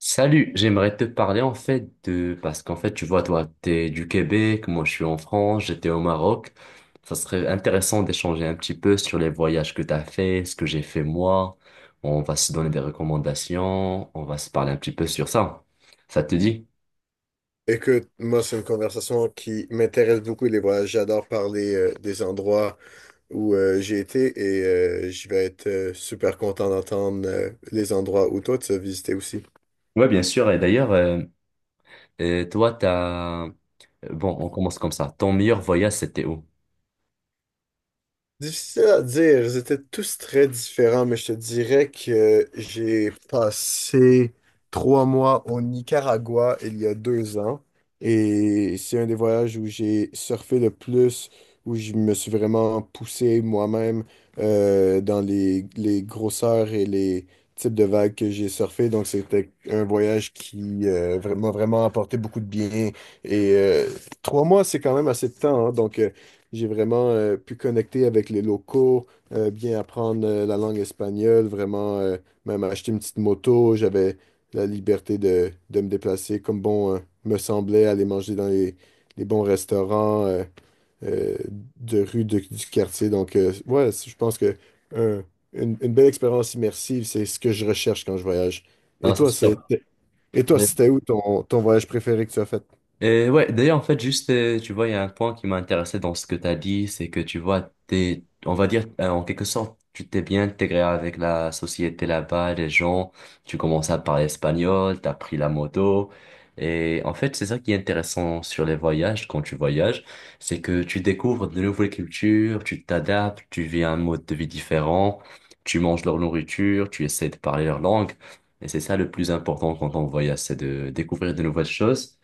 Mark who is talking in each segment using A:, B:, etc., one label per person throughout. A: Salut, j'aimerais te parler en fait Parce qu'en fait, tu vois, toi, t'es du Québec, moi je suis en France, j'étais au Maroc. Ça serait intéressant d'échanger un petit peu sur les voyages que t'as fait, ce que j'ai fait moi. Bon, on va se donner des recommandations, on va se parler un petit peu sur ça. Ça te dit?
B: Écoute, moi, c'est une conversation qui m'intéresse beaucoup, les voyages. J'adore parler des endroits où j'ai été et je vais être super content d'entendre les endroits où toi, tu as visité aussi.
A: Ouais, bien sûr. Et d'ailleurs, toi, Bon, on commence comme ça. Ton meilleur voyage, c'était où?
B: Difficile à dire, ils étaient tous très différents, mais je te dirais que j'ai passé trois mois au Nicaragua il y a deux ans, et c'est un des voyages où j'ai surfé le plus, où je me suis vraiment poussé moi-même dans les grosseurs et les types de vagues que j'ai surfé. Donc c'était un voyage qui m'a vraiment apporté beaucoup de bien, et trois mois c'est quand même assez de temps, hein. Donc, j'ai vraiment pu connecter avec les locaux, bien apprendre la langue espagnole, vraiment même acheter une petite moto. J'avais la liberté de me déplacer comme bon me semblait, aller manger dans les bons restaurants euh, de rue du quartier. Donc, ouais, je pense que un- une belle expérience immersive, c'est ce que je recherche quand je voyage.
A: Non,
B: Et
A: c'est
B: toi, c'est,
A: sûr.
B: et toi, c'était où ton, ton voyage préféré que tu as fait?
A: Et ouais, d'ailleurs, en fait, juste, tu vois, il y a un point qui m'a intéressé dans ce que tu as dit, c'est que tu vois, t'es, on va dire, en quelque sorte, tu t'es bien intégré avec la société là-bas, les gens, tu commences à parler espagnol, t'as pris la moto. Et en fait, c'est ça qui est intéressant sur les voyages, quand tu voyages, c'est que tu découvres de nouvelles cultures, tu t'adaptes, tu vis un mode de vie différent, tu manges leur nourriture, tu essaies de parler leur langue. Et c'est ça le plus important quand on voyage, c'est de découvrir de nouvelles choses.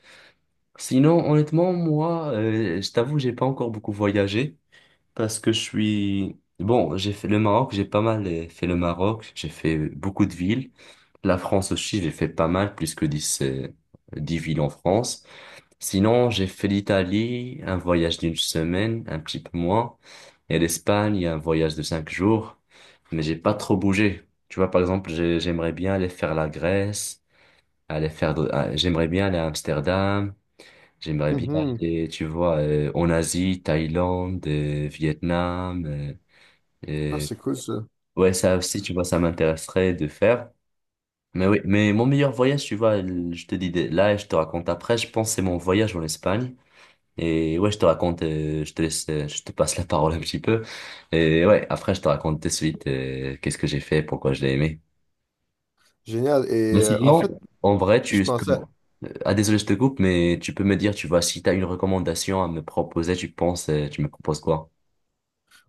A: Sinon, honnêtement, moi, je t'avoue, j'ai pas encore beaucoup voyagé parce que Bon, j'ai fait le Maroc, j'ai pas mal fait le Maroc, j'ai fait beaucoup de villes. La France aussi, j'ai fait pas mal, plus que 10 10 villes en France. Sinon, j'ai fait l'Italie, un voyage d'une semaine, un petit peu moins. Et l'Espagne, un voyage de 5 jours. Mais j'ai pas trop bougé. Tu vois, par exemple, j'aimerais bien aller faire la Grèce, ah, j'aimerais bien aller à Amsterdam. J'aimerais bien
B: Mhm.
A: aller, tu vois, en Asie, Thaïlande, Vietnam.
B: Ah,
A: Euh,
B: c'est cool ça.
A: ouais, ça aussi, tu vois, ça m'intéresserait de faire. Mais oui, mais mon meilleur voyage, tu vois, je te dis là et je te raconte après, je pense que c'est mon voyage en Espagne. Et ouais, je te raconte, je te laisse, je te passe la parole un petit peu. Et ouais, après, je te raconte de suite qu'est-ce que j'ai fait, pourquoi je l'ai aimé.
B: Génial.
A: Mais sinon, en vrai,
B: Je
A: tu... Euh,
B: pensais.
A: Ah, désolé, je te coupe, mais tu peux me dire, tu vois, si tu as une recommandation à me proposer, tu penses, tu me proposes quoi?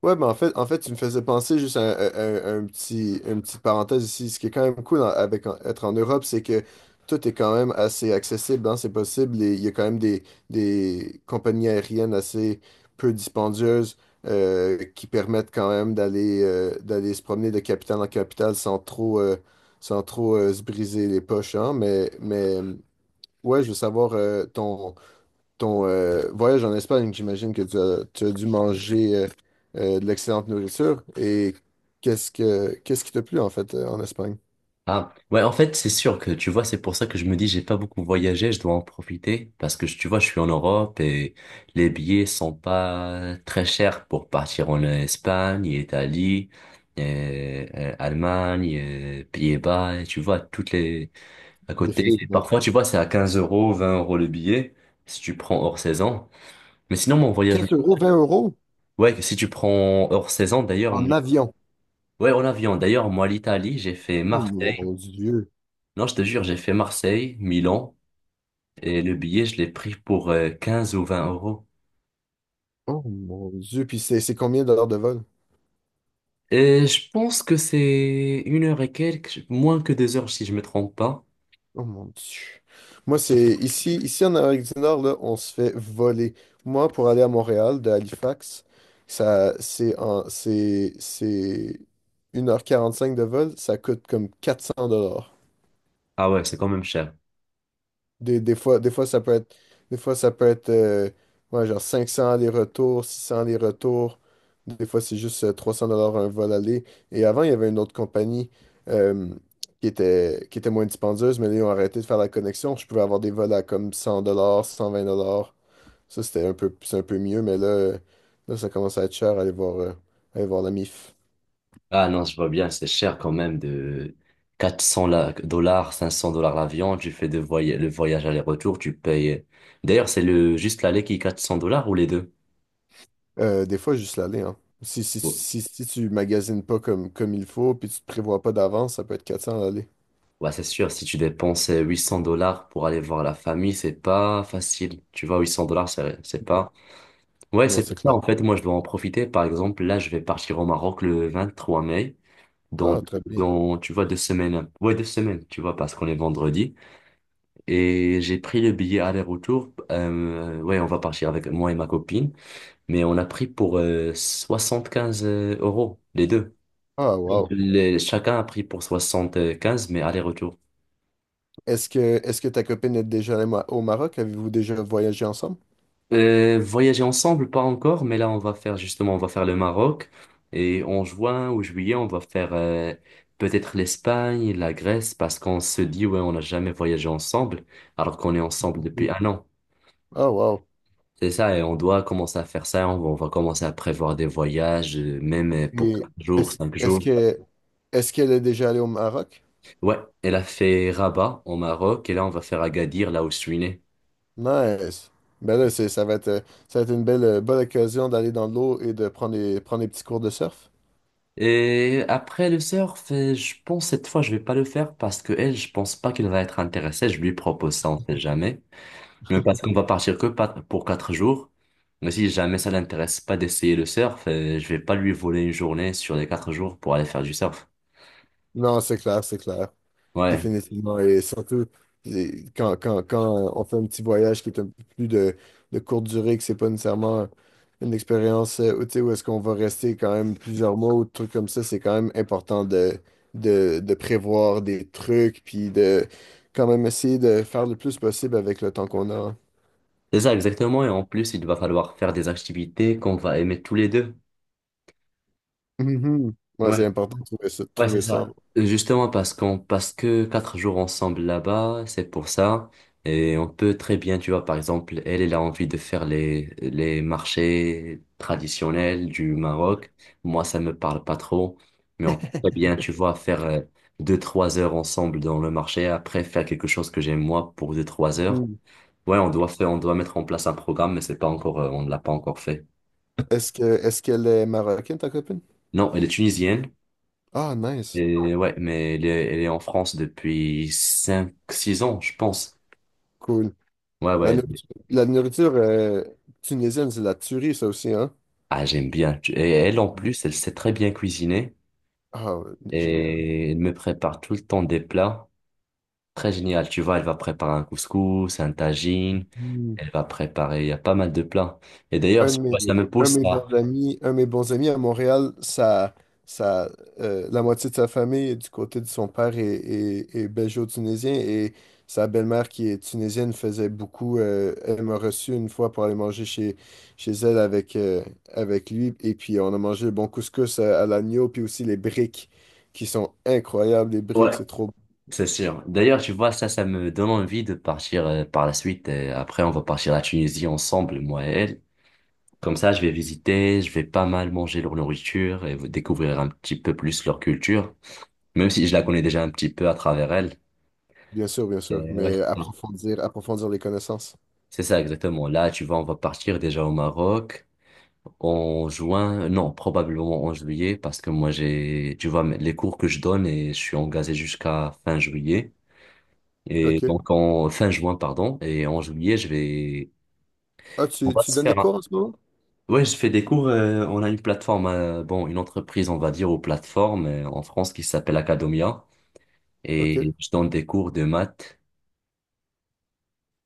B: Ouais, mais en fait, tu me faisais penser juste à un, à un petit, une petite parenthèse ici. Ce qui est quand même cool avec être en Europe, c'est que tout est quand même assez accessible, hein, c'est possible. Et il y a quand même des compagnies aériennes assez peu dispendieuses qui permettent quand même d'aller d'aller se promener de capitale en capitale sans trop, sans trop se briser les poches, hein. Mais ouais, je veux savoir ton ton voyage en Espagne, j'imagine que tu as dû manger de l'excellente nourriture. Et qu'est-ce qui t'a plu en fait en Espagne?
A: Ah, ouais, en fait, c'est sûr que, tu vois, c'est pour ça que je me dis, j'ai pas beaucoup voyagé, je dois en profiter, parce que, tu vois, je suis en Europe et les billets sont pas très chers pour partir en Espagne, Italie, et, Allemagne, et Pays-Bas, et tu vois, toutes les, à côté. Et
B: Définitivement.
A: parfois, tu vois, c'est à 15 euros, 20 € le billet, si tu prends hors saison. Mais sinon, mon voyage,
B: Quinze euros, vingt euros
A: ouais, si tu prends hors saison, d'ailleurs,
B: en avion.
A: ouais, en avion. D'ailleurs, moi, l'Italie, j'ai fait
B: Oh
A: Marseille.
B: mon Dieu.
A: Non, je te jure, j'ai fait Marseille, Milan, et le billet, je l'ai pris pour 15 ou 20 euros.
B: Oh mon Dieu. Puis c'est combien d'heures de vol?
A: Et je pense que c'est une heure et quelques, moins que 2 heures, si je me trompe pas.
B: Oh mon Dieu. Moi, c'est ici, ici en Amérique du Nord, là, on se fait voler. Moi, pour aller à Montréal, de Halifax, ça, c'est une heure quarante-cinq de vol, ça coûte comme 400.
A: Ah ouais, c'est quand même cher.
B: Des fois, des fois, ça peut être, ouais, genre 500 les retours, 600 les retours. Des fois, c'est juste 300 dollars un vol aller. Et avant, il y avait une autre compagnie euh, qui était moins dispendieuse, mais là, ils ont arrêté de faire la connexion. Je pouvais avoir des vols à comme 100 dollars, 120 dollars. Ça, c'était un peu, c'est un peu mieux, mais là, là, ça commence à être cher aller voir la MIF.
A: Ah non, je vois bien, c'est cher quand même de 400 dollars, 500 $ l'avion. Tu fais le voyage aller-retour, tu payes. D'ailleurs, c'est le juste l'aller qui est 400 $ ou les deux?
B: Des fois, juste l'aller, hein. Si tu magasines pas comme, comme il faut, puis tu te prévois pas d'avance, ça peut être 400 l'aller.
A: Bah, c'est sûr, si tu dépenses 800 $ pour aller voir la famille, c'est pas facile. Tu vois, 800 dollars, c'est pas. Ouais,
B: Non,
A: c'est
B: c'est
A: pour ça,
B: clair.
A: en fait, moi, je dois en profiter. Par exemple, là, je vais partir au Maroc le 23 mai, dans,
B: Ah, très bien.
A: dans, tu vois, 2 semaines. Ouais, 2 semaines, tu vois, parce qu'on est vendredi. Et j'ai pris le billet aller-retour. Ouais, on va partir avec moi et ma copine. Mais on a pris pour 75 euros, les deux.
B: Ah, wow.
A: Chacun a pris pour 75, mais aller-retour.
B: Est-ce que ta copine est déjà allée au Maroc? Avez-vous déjà voyagé ensemble?
A: Voyager ensemble, pas encore, mais là on va faire justement, on va faire le Maroc et en juin ou juillet on va faire peut-être l'Espagne, la Grèce parce qu'on se dit ouais on n'a jamais voyagé ensemble alors qu'on est ensemble depuis
B: Oui.
A: un an.
B: Ah, wow.
A: C'est ça et on doit commencer à faire ça, on va commencer à prévoir des voyages même pour
B: Et
A: 4 jours,
B: est-ce,
A: cinq
B: est-ce
A: jours.
B: que, est-ce qu'elle est déjà allée au Maroc?
A: Ouais, elle a fait Rabat au Maroc et là on va faire Agadir là où je suis né.
B: Nice. Ben là, ça va être une belle, bonne occasion d'aller dans l'eau et de prendre des petits cours de surf.
A: Et après le surf, je pense cette fois je vais pas le faire parce que elle, je pense pas qu'elle va être intéressée. Je lui propose ça, on sait jamais. Mais parce qu'on va partir que pas- pour 4 jours. Mais si jamais ça l'intéresse pas d'essayer le surf, je vais pas lui voler une journée sur les 4 jours pour aller faire du surf.
B: Non, c'est clair, c'est clair.
A: Ouais,
B: Définitivement. Et surtout, et quand on fait un petit voyage qui est un peu plus de courte durée, que c'est pas nécessairement une expérience où, tu sais, où est-ce qu'on va rester quand même plusieurs mois ou des trucs comme ça, c'est quand même important de prévoir des trucs, puis de quand même essayer de faire le plus possible avec le temps qu'on a.
A: c'est ça exactement. Et en plus, il va falloir faire des activités qu'on va aimer tous les deux.
B: Mhm. Ouais,
A: Ouais.
B: c'est important de trouver ça. De
A: Ouais, c'est
B: trouver ça.
A: ça. Justement parce qu'on parce que 4 jours ensemble là-bas, c'est pour ça. Et on peut très bien, tu vois, par exemple, elle, elle a envie de faire les marchés traditionnels du Maroc. Moi, ça me parle pas trop. Mais on peut très bien, tu vois, faire 2, 3 heures ensemble dans le marché, après faire quelque chose que j'aime moi pour 2, 3 heures.
B: Mhm.
A: Ouais, on doit faire, on doit mettre en place un programme, mais c'est pas encore, on ne l'a pas encore fait.
B: Est-ce qu'elle est marocaine, ta copine?
A: Non, elle est tunisienne.
B: Ah, nice.
A: Et ouais, mais elle est en France depuis 5, 6 ans, je pense.
B: Cool.
A: Ouais, ouais.
B: La nourriture, tunisienne, c'est de la tuerie, ça aussi, hein?
A: Ah, j'aime bien. Et elle, en plus, elle sait très bien cuisiner
B: Ah, ouais, génial.
A: et elle me prépare tout le temps des plats. Très génial. Tu vois, elle va préparer un couscous, un tagine.
B: Mm.
A: Elle va préparer, il y a pas mal de plats. Et d'ailleurs, tu vois, ça me
B: Un de
A: pousse
B: mes bons amis, un de mes bons amis à Montréal, ça, la moitié de sa famille, du côté de son père, est belgeo-tunisien, et sa belle-mère qui est tunisienne faisait beaucoup. Elle m'a reçu une fois pour aller manger chez, chez elle avec, avec lui, et puis on a mangé le bon couscous à l'agneau, puis aussi les briques qui sont incroyables. Les briques,
A: Ouais,
B: c'est trop.
A: c'est sûr. D'ailleurs, tu vois, ça me donne envie de partir par la suite. Et après, on va partir à la Tunisie ensemble, moi et elle. Comme ça, je vais visiter, je vais pas mal manger leur nourriture et découvrir un petit peu plus leur culture, même si je la connais déjà un petit peu à travers elle.
B: Bien sûr,
A: Et ouais.
B: mais approfondir, approfondir les connaissances.
A: C'est ça, exactement. Là, tu vois, on va partir déjà au Maroc en juin, non, probablement en juillet, parce que moi, j'ai, tu vois, les cours que je donne et je suis engagé jusqu'à fin juillet. Et
B: OK.
A: donc, en fin juin, pardon, et en juillet, je vais.
B: Ah,
A: On
B: tu,
A: va
B: tu
A: se
B: donnes
A: faire
B: des cours
A: un-
B: en ce moment?
A: Ouais, je fais des cours. On a une plateforme, bon, une entreprise, on va dire, aux plateformes en France qui s'appelle Academia.
B: OK.
A: Et je donne des cours de maths.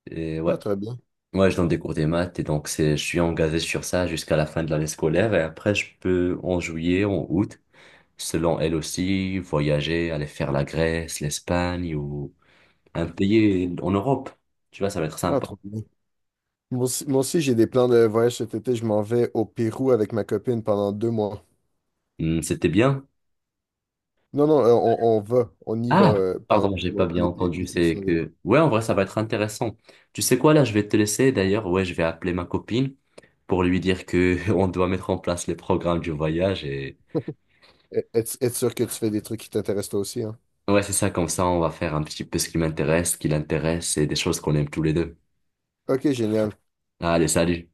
A: Et ouais,
B: Ah, très bien.
A: ouais, je donne des cours de maths. Et donc, c'est, je suis engagé sur ça jusqu'à la fin de l'année scolaire. Et après, je peux, en juillet, en août, selon elle aussi, voyager, aller faire la Grèce, l'Espagne ou un pays en Europe. Tu vois, ça va être
B: Ah,
A: sympa.
B: trop bien. Moi aussi, j'ai des plans de voyage cet été. Je m'en vais au Pérou avec ma copine pendant deux mois.
A: C'était bien.
B: Non, non, on va. On y va
A: Ah,
B: pendant
A: pardon, j'ai pas
B: ouais,
A: bien
B: l'été
A: entendu.
B: l'été qui
A: C'est
B: s'en vient.
A: que, ouais, en vrai, ça va être intéressant. Tu sais quoi, là, je vais te laisser. D'ailleurs, ouais, je vais appeler ma copine pour lui dire que on doit mettre en place les programmes du voyage et
B: Être, être sûr que tu fais des trucs qui t'intéressent toi aussi, hein.
A: ouais, c'est ça. Comme ça, on va faire un petit peu ce qui m'intéresse, ce qui l'intéresse et des choses qu'on aime tous les deux.
B: OK, génial.
A: Allez, salut.